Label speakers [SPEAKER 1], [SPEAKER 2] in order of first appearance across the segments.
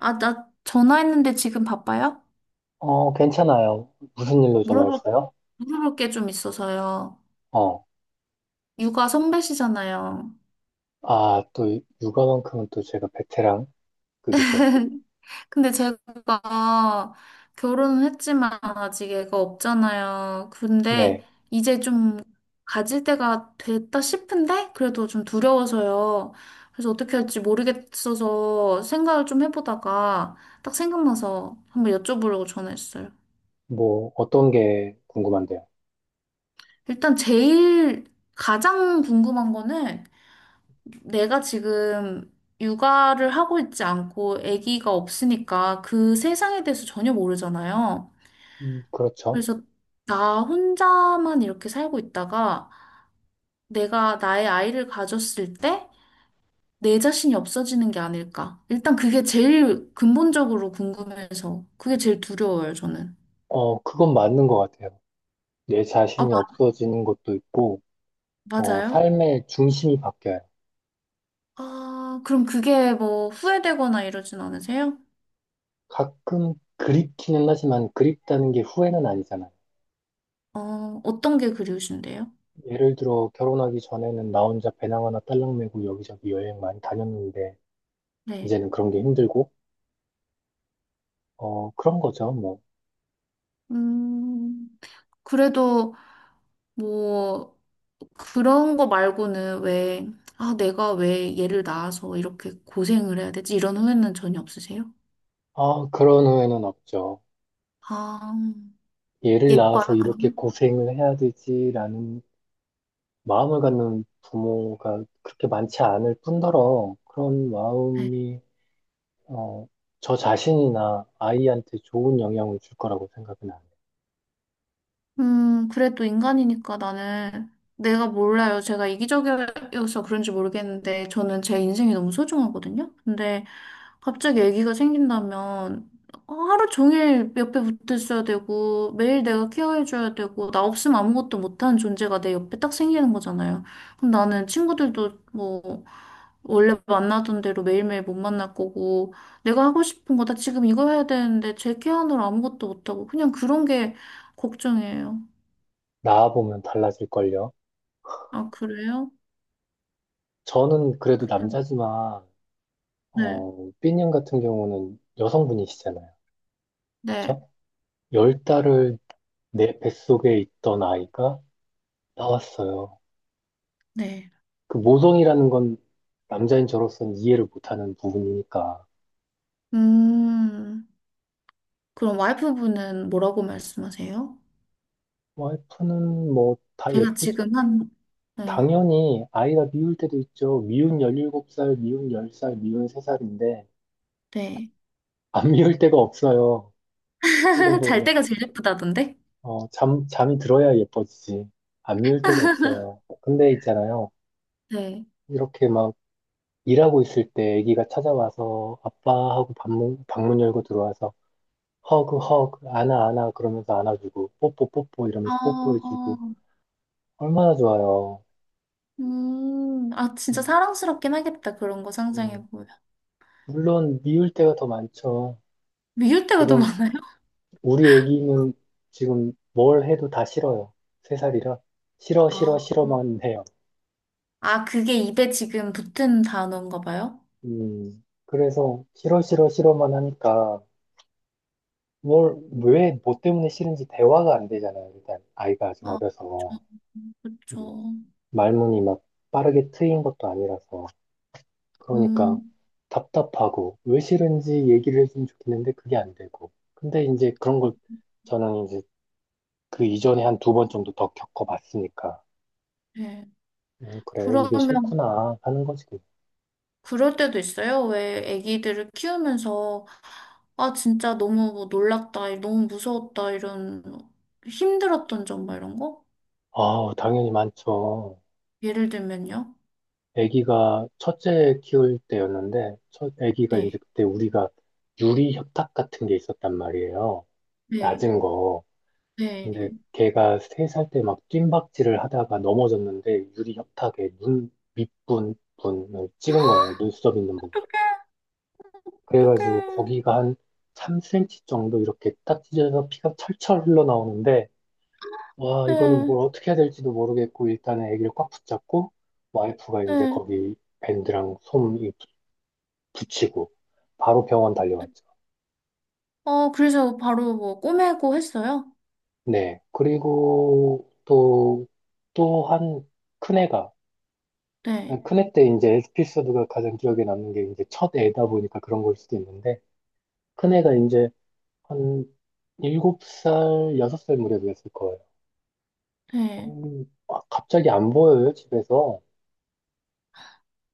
[SPEAKER 1] 아, 나 전화했는데 지금 바빠요?
[SPEAKER 2] 어, 괜찮아요. 무슨 일로
[SPEAKER 1] 물어볼, 어,
[SPEAKER 2] 전화했어요?
[SPEAKER 1] 물어볼 게 좀 있어서요.
[SPEAKER 2] 어,
[SPEAKER 1] 육아 선배시잖아요.
[SPEAKER 2] 아, 또 육아만큼은 또 제가 베테랑급이죠.
[SPEAKER 1] 근데 제가 결혼은 했지만 아직 애가 없잖아요. 근데
[SPEAKER 2] 네,
[SPEAKER 1] 이제 좀 가질 때가 됐다 싶은데 그래도 좀 두려워서요. 그래서 어떻게 할지 모르겠어서 생각을 좀 해보다가 딱 생각나서 한번 여쭤보려고 전화했어요.
[SPEAKER 2] 뭐 어떤 게 궁금한데요?
[SPEAKER 1] 일단 제일 가장 궁금한 거는 내가 지금 육아를 하고 있지 않고 아기가 없으니까 그 세상에 대해서 전혀 모르잖아요.
[SPEAKER 2] 그렇죠.
[SPEAKER 1] 그래서 나 혼자만 이렇게 살고 있다가 내가 나의 아이를 가졌을 때 내 자신이 없어지는 게 아닐까. 일단 그게 제일 근본적으로 궁금해서 그게 제일 두려워요, 저는.
[SPEAKER 2] 어, 그건 맞는 것 같아요. 내
[SPEAKER 1] 아,
[SPEAKER 2] 자신이 없어지는 것도 있고, 어,
[SPEAKER 1] 맞아요?
[SPEAKER 2] 삶의 중심이 바뀌어요.
[SPEAKER 1] 아, 그럼 그게 뭐 후회되거나 이러진 않으세요?
[SPEAKER 2] 가끔 그립기는 하지만 그립다는 게 후회는 아니잖아요.
[SPEAKER 1] 어, 어떤 게 그리우신데요?
[SPEAKER 2] 예를 들어 결혼하기 전에는 나 혼자 배낭 하나 딸랑 메고 여기저기 여행 많이 다녔는데
[SPEAKER 1] 네.
[SPEAKER 2] 이제는 그런 게 힘들고, 어, 그런 거죠, 뭐.
[SPEAKER 1] 음, 그래도 뭐, 그런 거 말고는 왜, 아, 내가 왜 얘를 낳아서 이렇게 고생을 해야 되지? 이런 후회는 전혀 없으세요?
[SPEAKER 2] 아, 그런 후회는 없죠.
[SPEAKER 1] 아,
[SPEAKER 2] 얘를
[SPEAKER 1] 예뻐요,
[SPEAKER 2] 낳아서 이렇게
[SPEAKER 1] 그럼?
[SPEAKER 2] 고생을 해야 되지라는 마음을 갖는 부모가 그렇게 많지 않을 뿐더러 그런
[SPEAKER 1] 네.
[SPEAKER 2] 마음이 어, 저 자신이나 아이한테 좋은 영향을 줄 거라고 생각은 안 해요.
[SPEAKER 1] 그래도 인간이니까 나는, 내가 몰라요. 제가 이기적이어서 그런지 모르겠는데, 저는 제 인생이 너무 소중하거든요? 근데, 갑자기 아기가 생긴다면 하루 종일 옆에 붙어 있어야 되고 매일 내가 케어해줘야 되고 나 없으면 아무것도 못하는 존재가 내 옆에 딱 생기는 거잖아요. 그럼 나는 친구들도 뭐 원래 만나던 대로 매일매일 못 만날 거고 내가 하고 싶은 거다 지금 이거 해야 되는데 제 케어하느라 아무것도 못하고 그냥 그런 게 걱정이에요.
[SPEAKER 2] 낳아보면 달라질걸요.
[SPEAKER 1] 아, 그래요?
[SPEAKER 2] 저는 그래도 남자지만
[SPEAKER 1] 네,
[SPEAKER 2] 어, 삐님 같은 경우는 여성분이시잖아요.
[SPEAKER 1] 네,
[SPEAKER 2] 그쵸? 10달을 내 뱃속에 있던 아이가 나왔어요.
[SPEAKER 1] 네.
[SPEAKER 2] 그 모성이라는 건 남자인 저로서는 이해를 못하는 부분이니까.
[SPEAKER 1] 음, 그럼 와이프분은 뭐라고 말씀하세요?
[SPEAKER 2] 와이프는 뭐 다
[SPEAKER 1] 제가
[SPEAKER 2] 예쁘,
[SPEAKER 1] 지금 한, 네.
[SPEAKER 2] 당연히 아이가 미울 때도 있죠. 미운 17살, 미운 10살, 미운 3살인데,
[SPEAKER 1] 네.
[SPEAKER 2] 안 미울 때가 없어요. 키우다
[SPEAKER 1] 잘
[SPEAKER 2] 보면.
[SPEAKER 1] 때가 제일 예쁘다던데?
[SPEAKER 2] 어, 잠이 들어야 예뻐지지. 안 미울 때가 없어요. 근데 있잖아요.
[SPEAKER 1] 네.
[SPEAKER 2] 이렇게 막 일하고 있을 때 아기가 찾아와서 아빠하고 방문 열고 들어와서 허그, 허그, 안아, 안아 그러면서 안아주고, 뽀뽀, 뽀뽀
[SPEAKER 1] 아,
[SPEAKER 2] 이러면서 뽀뽀해주고, 얼마나 좋아요.
[SPEAKER 1] 아, 진짜 사랑스럽긴 하겠다. 그런 거
[SPEAKER 2] 음,
[SPEAKER 1] 상상해보면.
[SPEAKER 2] 물론 미울 때가 더 많죠.
[SPEAKER 1] 미울 때가 더
[SPEAKER 2] 지금
[SPEAKER 1] 많아요?
[SPEAKER 2] 우리 애기는 지금 뭘 해도 다 싫어요. 3살이라 싫어 싫어
[SPEAKER 1] 아,
[SPEAKER 2] 싫어만 해요.
[SPEAKER 1] 아, 그게 입에 지금 붙은 단어인가 봐요?
[SPEAKER 2] 그래서 싫어 싫어 싫어만 하니까 뭘 왜 뭐 때문에 싫은지 대화가 안 되잖아요. 일단 아이가 아직
[SPEAKER 1] 아,
[SPEAKER 2] 어려서 음,
[SPEAKER 1] 그쵸.
[SPEAKER 2] 말문이 막 빠르게 트인 것도 아니라서 그러니까
[SPEAKER 1] 음,
[SPEAKER 2] 답답하고 왜 싫은지 얘기를 해주면 좋겠는데 그게 안 되고 근데 이제 그런 걸 저는 이제 그 이전에 한 두 번 정도 더 겪어봤으니까.
[SPEAKER 1] 네.
[SPEAKER 2] 그래, 이게
[SPEAKER 1] 그러면,
[SPEAKER 2] 싫구나 하는 거지.
[SPEAKER 1] 그럴 때도 있어요? 왜 아기들을 키우면서, 아, 진짜 너무 뭐 놀랐다, 너무 무서웠다, 이런, 힘들었던 점, 뭐 이런 거?
[SPEAKER 2] 아, 당연히 많죠.
[SPEAKER 1] 예를 들면요?
[SPEAKER 2] 아기가 첫째 키울 때였는데, 첫 아기가 이제
[SPEAKER 1] 네,
[SPEAKER 2] 그때 우리가 유리 협탁 같은 게 있었단 말이에요.
[SPEAKER 1] 네,
[SPEAKER 2] 낮은 거.
[SPEAKER 1] 네.
[SPEAKER 2] 근데 걔가 3살 때 막 뜀박질을 하다가 넘어졌는데 유리 협탁에 눈 밑부분을 찍은 거예요. 눈썹 있는 부분.
[SPEAKER 1] 어떡해, 어떡해.
[SPEAKER 2] 그래가지고 거기가 한 3cm 정도 이렇게 딱 찢어져서 피가 철철 흘러나오는데 와, 이거는
[SPEAKER 1] 네,
[SPEAKER 2] 뭘 어떻게 해야 될지도 모르겠고, 일단은 애기를 꽉 붙잡고, 와이프가 이제
[SPEAKER 1] 네.
[SPEAKER 2] 거기 밴드랑 붙이고, 바로 병원 달려왔죠.
[SPEAKER 1] 어, 그래서 바로 뭐 꼬매고 했어요?
[SPEAKER 2] 네. 그리고 또, 한 큰애가,
[SPEAKER 1] 네,
[SPEAKER 2] 큰애 때 이제 에피소드가 가장 기억에 남는 게 이제 첫 애다 보니까 그런 걸 수도 있는데, 큰애가 이제 한 7살, 6살 무렵이었을 거예요.
[SPEAKER 1] 네.
[SPEAKER 2] 아, 갑자기 안 보여요, 집에서.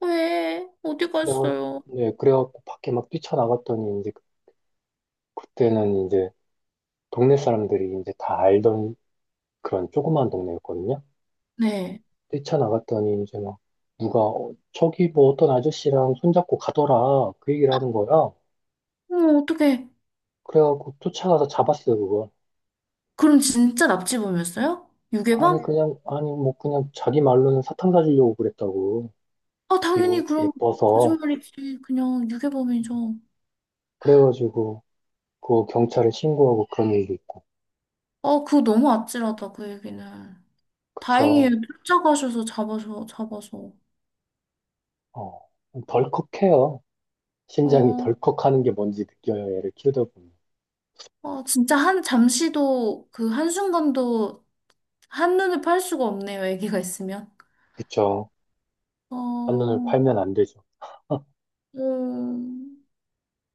[SPEAKER 1] 왜? 어디
[SPEAKER 2] 그래가
[SPEAKER 1] 갔어요?
[SPEAKER 2] 네, 그래갖고 밖에 막 뛰쳐나갔더니 이제 그때는 이제 동네 사람들이 이제 다 알던 그런 조그만 동네였거든요.
[SPEAKER 1] 네.
[SPEAKER 2] 뛰쳐나갔더니 이제 막 누가 어, 저기 뭐 어떤 아저씨랑 손잡고 가더라 그 얘기를 하는 거야.
[SPEAKER 1] 어, 어떡해.
[SPEAKER 2] 그래갖고 쫓아가서 잡았어요 그걸.
[SPEAKER 1] 그럼 진짜 납치범이었어요?
[SPEAKER 2] 아니
[SPEAKER 1] 유괴범?
[SPEAKER 2] 그냥 아니 뭐 그냥 자기 말로는 사탕 사주려고 그랬다고
[SPEAKER 1] 아,
[SPEAKER 2] 귀여
[SPEAKER 1] 당연히 그럼
[SPEAKER 2] 예뻐서
[SPEAKER 1] 거짓말이지. 그냥 유괴범이죠.
[SPEAKER 2] 그래가지고 그 경찰에 신고하고 그런 일도 있고
[SPEAKER 1] 아, 그거 너무 아찔하다, 그 얘기는. 다행이에요.
[SPEAKER 2] 그쵸.
[SPEAKER 1] 쫓아가셔서 잡아서.
[SPEAKER 2] 어 덜컥해요. 신장이
[SPEAKER 1] 어,
[SPEAKER 2] 덜컥하는 게 뭔지 느껴요 애를 키우다 보면.
[SPEAKER 1] 어, 진짜 한, 잠시도, 그 한순간도 한눈에 팔 수가 없네요, 아기가 있으면.
[SPEAKER 2] 그쵸. 반론을
[SPEAKER 1] 어,
[SPEAKER 2] 팔면 안 되죠.
[SPEAKER 1] 음,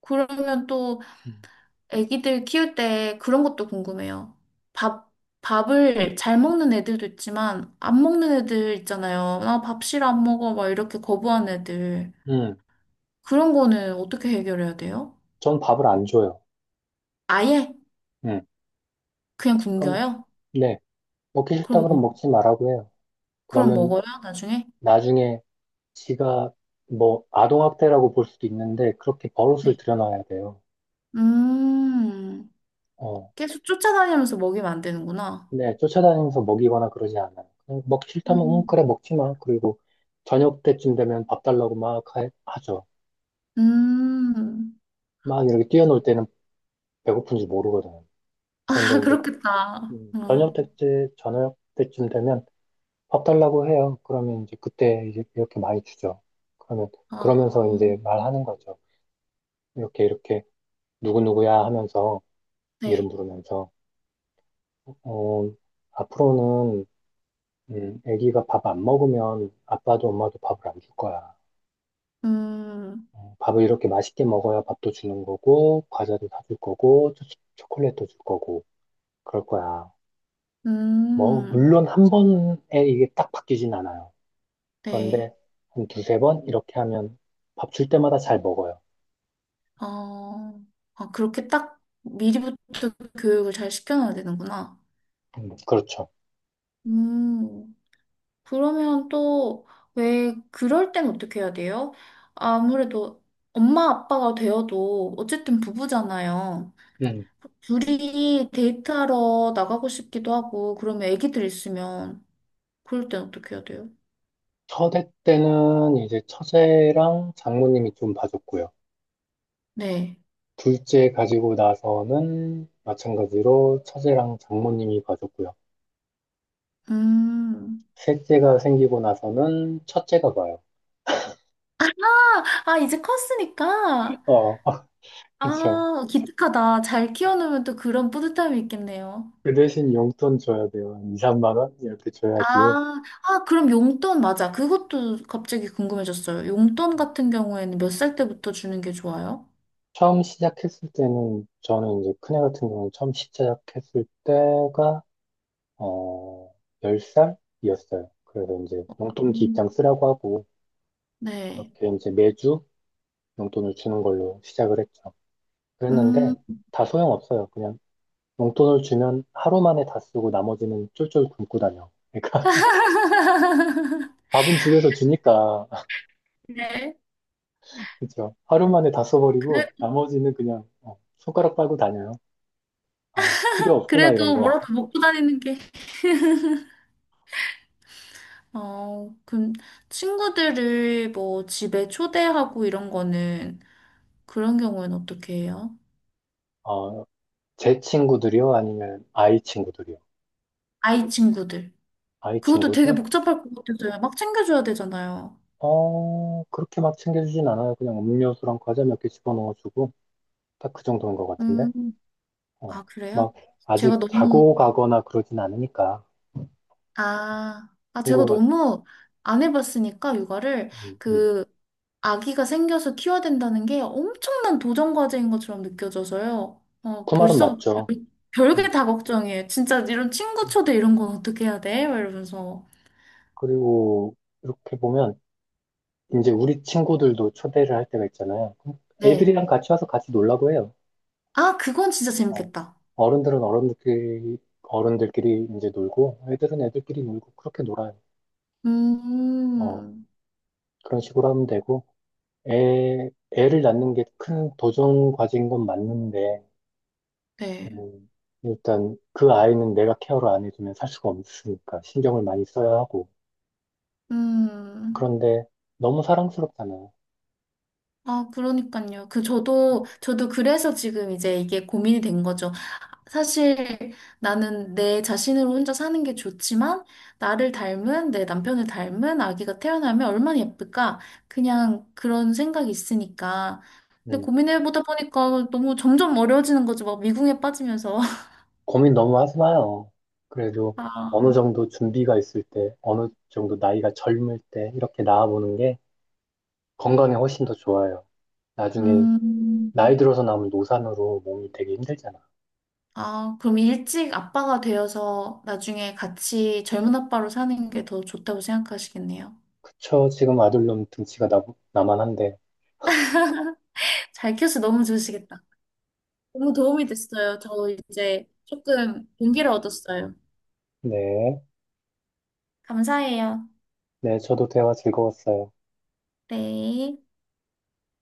[SPEAKER 1] 그러면 또
[SPEAKER 2] 음,
[SPEAKER 1] 아기들 키울 때 그런 것도 궁금해요. 밥, 밥을 잘 먹는 애들도 있지만 안 먹는 애들 있잖아요. 나 밥 싫어 안 먹어 막 이렇게 거부하는 애들.
[SPEAKER 2] 음,
[SPEAKER 1] 그런 거는 어떻게 해결해야 돼요?
[SPEAKER 2] 전 밥을 안 줘요.
[SPEAKER 1] 아예
[SPEAKER 2] 음,
[SPEAKER 1] 그냥
[SPEAKER 2] 그럼,
[SPEAKER 1] 굶겨요?
[SPEAKER 2] 네, 먹기 싫다
[SPEAKER 1] 그럼
[SPEAKER 2] 그러면
[SPEAKER 1] 먹,
[SPEAKER 2] 먹지 말라고 해요.
[SPEAKER 1] 그럼 먹어요,
[SPEAKER 2] 그러면
[SPEAKER 1] 나중에?
[SPEAKER 2] 나중에 지가 뭐 아동학대라고 볼 수도 있는데 그렇게 버릇을
[SPEAKER 1] 네.
[SPEAKER 2] 들여놔야 돼요.
[SPEAKER 1] 음,
[SPEAKER 2] 어,
[SPEAKER 1] 계속 쫓아다니면서 먹이면 안 되는구나.
[SPEAKER 2] 네, 쫓아다니면서 먹이거나 그러지 않아요. 그냥 먹기 싫다면, 응,
[SPEAKER 1] 음.
[SPEAKER 2] 그래, 먹지 마. 그리고 저녁 때쯤 되면 밥 달라고 막 하죠.
[SPEAKER 1] 음.
[SPEAKER 2] 막 이렇게 뛰어놀 때는 배고픈지 모르거든요. 그런데
[SPEAKER 1] 아,
[SPEAKER 2] 이제
[SPEAKER 1] 그렇겠다.
[SPEAKER 2] 저녁
[SPEAKER 1] 어,
[SPEAKER 2] 때쯤, 저녁 때쯤 되면 밥 달라고 해요. 그러면 이제 그때 이제 이렇게 많이 주죠. 그러면,
[SPEAKER 1] 아,
[SPEAKER 2] 그러면서 이제 말하는 거죠. 이렇게, 이렇게, 누구누구야 하면서 이름
[SPEAKER 1] 네.
[SPEAKER 2] 부르면서, 어, 앞으로는, 애기가 밥 안 먹으면 아빠도 엄마도 밥을 안 줄 거야.
[SPEAKER 1] 음,
[SPEAKER 2] 어, 밥을 이렇게 맛있게 먹어야 밥도 주는 거고, 과자도 사줄 거고, 초콜릿도 줄 거고, 그럴 거야. 뭐,
[SPEAKER 1] 음,
[SPEAKER 2] 물론 한 번에 이게 딱 바뀌진 않아요.
[SPEAKER 1] 네.
[SPEAKER 2] 그런데 한 두세 번 이렇게 하면 밥 줄 때마다 잘 먹어요.
[SPEAKER 1] 어, 아, 그렇게 딱 미리부터 교육을 잘 시켜놔야 되는구나.
[SPEAKER 2] 그렇죠.
[SPEAKER 1] 음, 그러면 또 왜 그럴 땐 어떻게 해야 돼요? 아무래도 엄마 아빠가 되어도 어쨌든 부부잖아요.
[SPEAKER 2] 음.
[SPEAKER 1] 둘이 데이트하러 나가고 싶기도 하고, 그러면 애기들 있으면 그럴 땐 어떻게 해야 돼요?
[SPEAKER 2] 첫애 때는 이제 처제랑 장모님이 좀 봐줬고요.
[SPEAKER 1] 네.
[SPEAKER 2] 둘째 가지고 나서는 마찬가지로 처제랑 장모님이 봐줬고요.
[SPEAKER 1] 음.
[SPEAKER 2] 셋째가 생기고 나서는 첫째가 봐요.
[SPEAKER 1] 아, 이제 컸으니까.
[SPEAKER 2] 어, 그쵸.
[SPEAKER 1] 아, 기특하다. 잘 키워놓으면 또 그런 뿌듯함이 있겠네요.
[SPEAKER 2] 그 대신 용돈 줘야 돼요. 한 2, 3만 원? 이렇게 줘야지.
[SPEAKER 1] 아, 아, 그럼 용돈 맞아. 그것도 갑자기 궁금해졌어요. 용돈 같은 경우에는 몇 살 때부터 주는 게 좋아요?
[SPEAKER 2] 처음 시작했을 때는, 저는 이제 큰애 같은 경우는 처음 시작했을 때가, 어, 10살이었어요. 그래서 이제 용돈기
[SPEAKER 1] 음.
[SPEAKER 2] 입장 쓰라고 하고,
[SPEAKER 1] 네.
[SPEAKER 2] 그렇게 이제 매주 용돈을 주는 걸로 시작을 했죠.
[SPEAKER 1] 음,
[SPEAKER 2] 그랬는데 다 소용없어요. 그냥 용돈을 주면 하루 만에 다 쓰고 나머지는 쫄쫄 굶고 다녀. 그러니까 밥은 집에서 주니까
[SPEAKER 1] 네.
[SPEAKER 2] 그 하루 만에 다
[SPEAKER 1] 그래,
[SPEAKER 2] 써버리고 나머지는 그냥 어, 손가락 빨고 다녀요. 아, 필요 없구나 이런
[SPEAKER 1] 그래도
[SPEAKER 2] 거.
[SPEAKER 1] 뭐라도 먹고 다니는 게. 어, 그럼 친구들을 뭐 집에 초대하고 이런 거는 그런 경우에는 어떻게 해요?
[SPEAKER 2] 어, 제 친구들이요? 아니면 아이 친구들이요?
[SPEAKER 1] 아이 친구들.
[SPEAKER 2] 아이
[SPEAKER 1] 그것도 되게
[SPEAKER 2] 친구들?
[SPEAKER 1] 복잡할 것 같아서요. 막 챙겨줘야 되잖아요.
[SPEAKER 2] 어, 그렇게 막 챙겨주진 않아요. 그냥 음료수랑 과자 몇 개 집어넣어주고 딱 그 정도인 것 같은데.
[SPEAKER 1] 음,
[SPEAKER 2] 어,
[SPEAKER 1] 아, 그래요?
[SPEAKER 2] 막
[SPEAKER 1] 제가
[SPEAKER 2] 아직
[SPEAKER 1] 너무,
[SPEAKER 2] 자고 가거나 그러진 않으니까
[SPEAKER 1] 제가
[SPEAKER 2] 친구가
[SPEAKER 1] 너무 안 해봤으니까, 육아를.
[SPEAKER 2] 음, 음.
[SPEAKER 1] 그, 아기가 생겨서 키워야 된다는 게 엄청난 도전 과제인 것처럼 느껴져서요. 어,
[SPEAKER 2] 그 말은
[SPEAKER 1] 벌써
[SPEAKER 2] 맞죠.
[SPEAKER 1] 별-
[SPEAKER 2] 음.
[SPEAKER 1] 별게 다 걱정이에요. 진짜 이런 친구
[SPEAKER 2] 음.
[SPEAKER 1] 초대 이런 건 어떻게 해야 돼? 막 이러면서.
[SPEAKER 2] 그리고 이렇게 보면 이제 우리 친구들도 초대를 할 때가 있잖아요. 그럼
[SPEAKER 1] 네.
[SPEAKER 2] 애들이랑 같이 와서 같이 놀라고 해요.
[SPEAKER 1] 아, 그건 진짜
[SPEAKER 2] 어,
[SPEAKER 1] 재밌겠다.
[SPEAKER 2] 어른들은 어른들끼리 이제 놀고 애들은 애들끼리 놀고 그렇게 놀아요. 어,
[SPEAKER 1] 음,
[SPEAKER 2] 그런 식으로 하면 되고 애 애를 낳는 게 큰 도전 과제인 건 맞는데
[SPEAKER 1] 네.
[SPEAKER 2] 음, 일단 그 아이는 내가 케어를 안 해주면 살 수가 없으니까 신경을 많이 써야 하고.
[SPEAKER 1] 음.
[SPEAKER 2] 그런데 너무 사랑스럽잖아.
[SPEAKER 1] 아, 그러니까요. 저도 그래서 지금 이제 이게 고민이 된 거죠. 사실 나는 내 자신으로 혼자 사는 게 좋지만, 나를 닮은, 내 남편을 닮은 아기가 태어나면 얼마나 예쁠까? 그냥 그런 생각이 있으니까. 근데
[SPEAKER 2] 음,
[SPEAKER 1] 고민해보다 보니까 너무 점점 어려워지는 거죠. 막 미궁에 빠지면서.
[SPEAKER 2] 고민 너무 하지 마요. 그래도 어느
[SPEAKER 1] 아,
[SPEAKER 2] 정도 준비가 있을 때, 어느 정도 나이가 젊을 때 이렇게 나아보는 게 건강에 훨씬 더 좋아요. 나중에
[SPEAKER 1] 음,
[SPEAKER 2] 나이 들어서 남은 노산으로 몸이 되게 힘들잖아.
[SPEAKER 1] 아, 그럼 일찍 아빠가 되어서 나중에 같이 젊은 아빠로 사는 게 더 좋다고 생각하시겠네요.
[SPEAKER 2] 그쵸? 지금 아들놈 등치가 나만한데.
[SPEAKER 1] 잘 키워서 너무 좋으시겠다. 너무 도움이 됐어요. 저 이제 조금 용기를 얻었어요.
[SPEAKER 2] 네.
[SPEAKER 1] 감사해요.
[SPEAKER 2] 네, 저도 대화 즐거웠어요.
[SPEAKER 1] 네.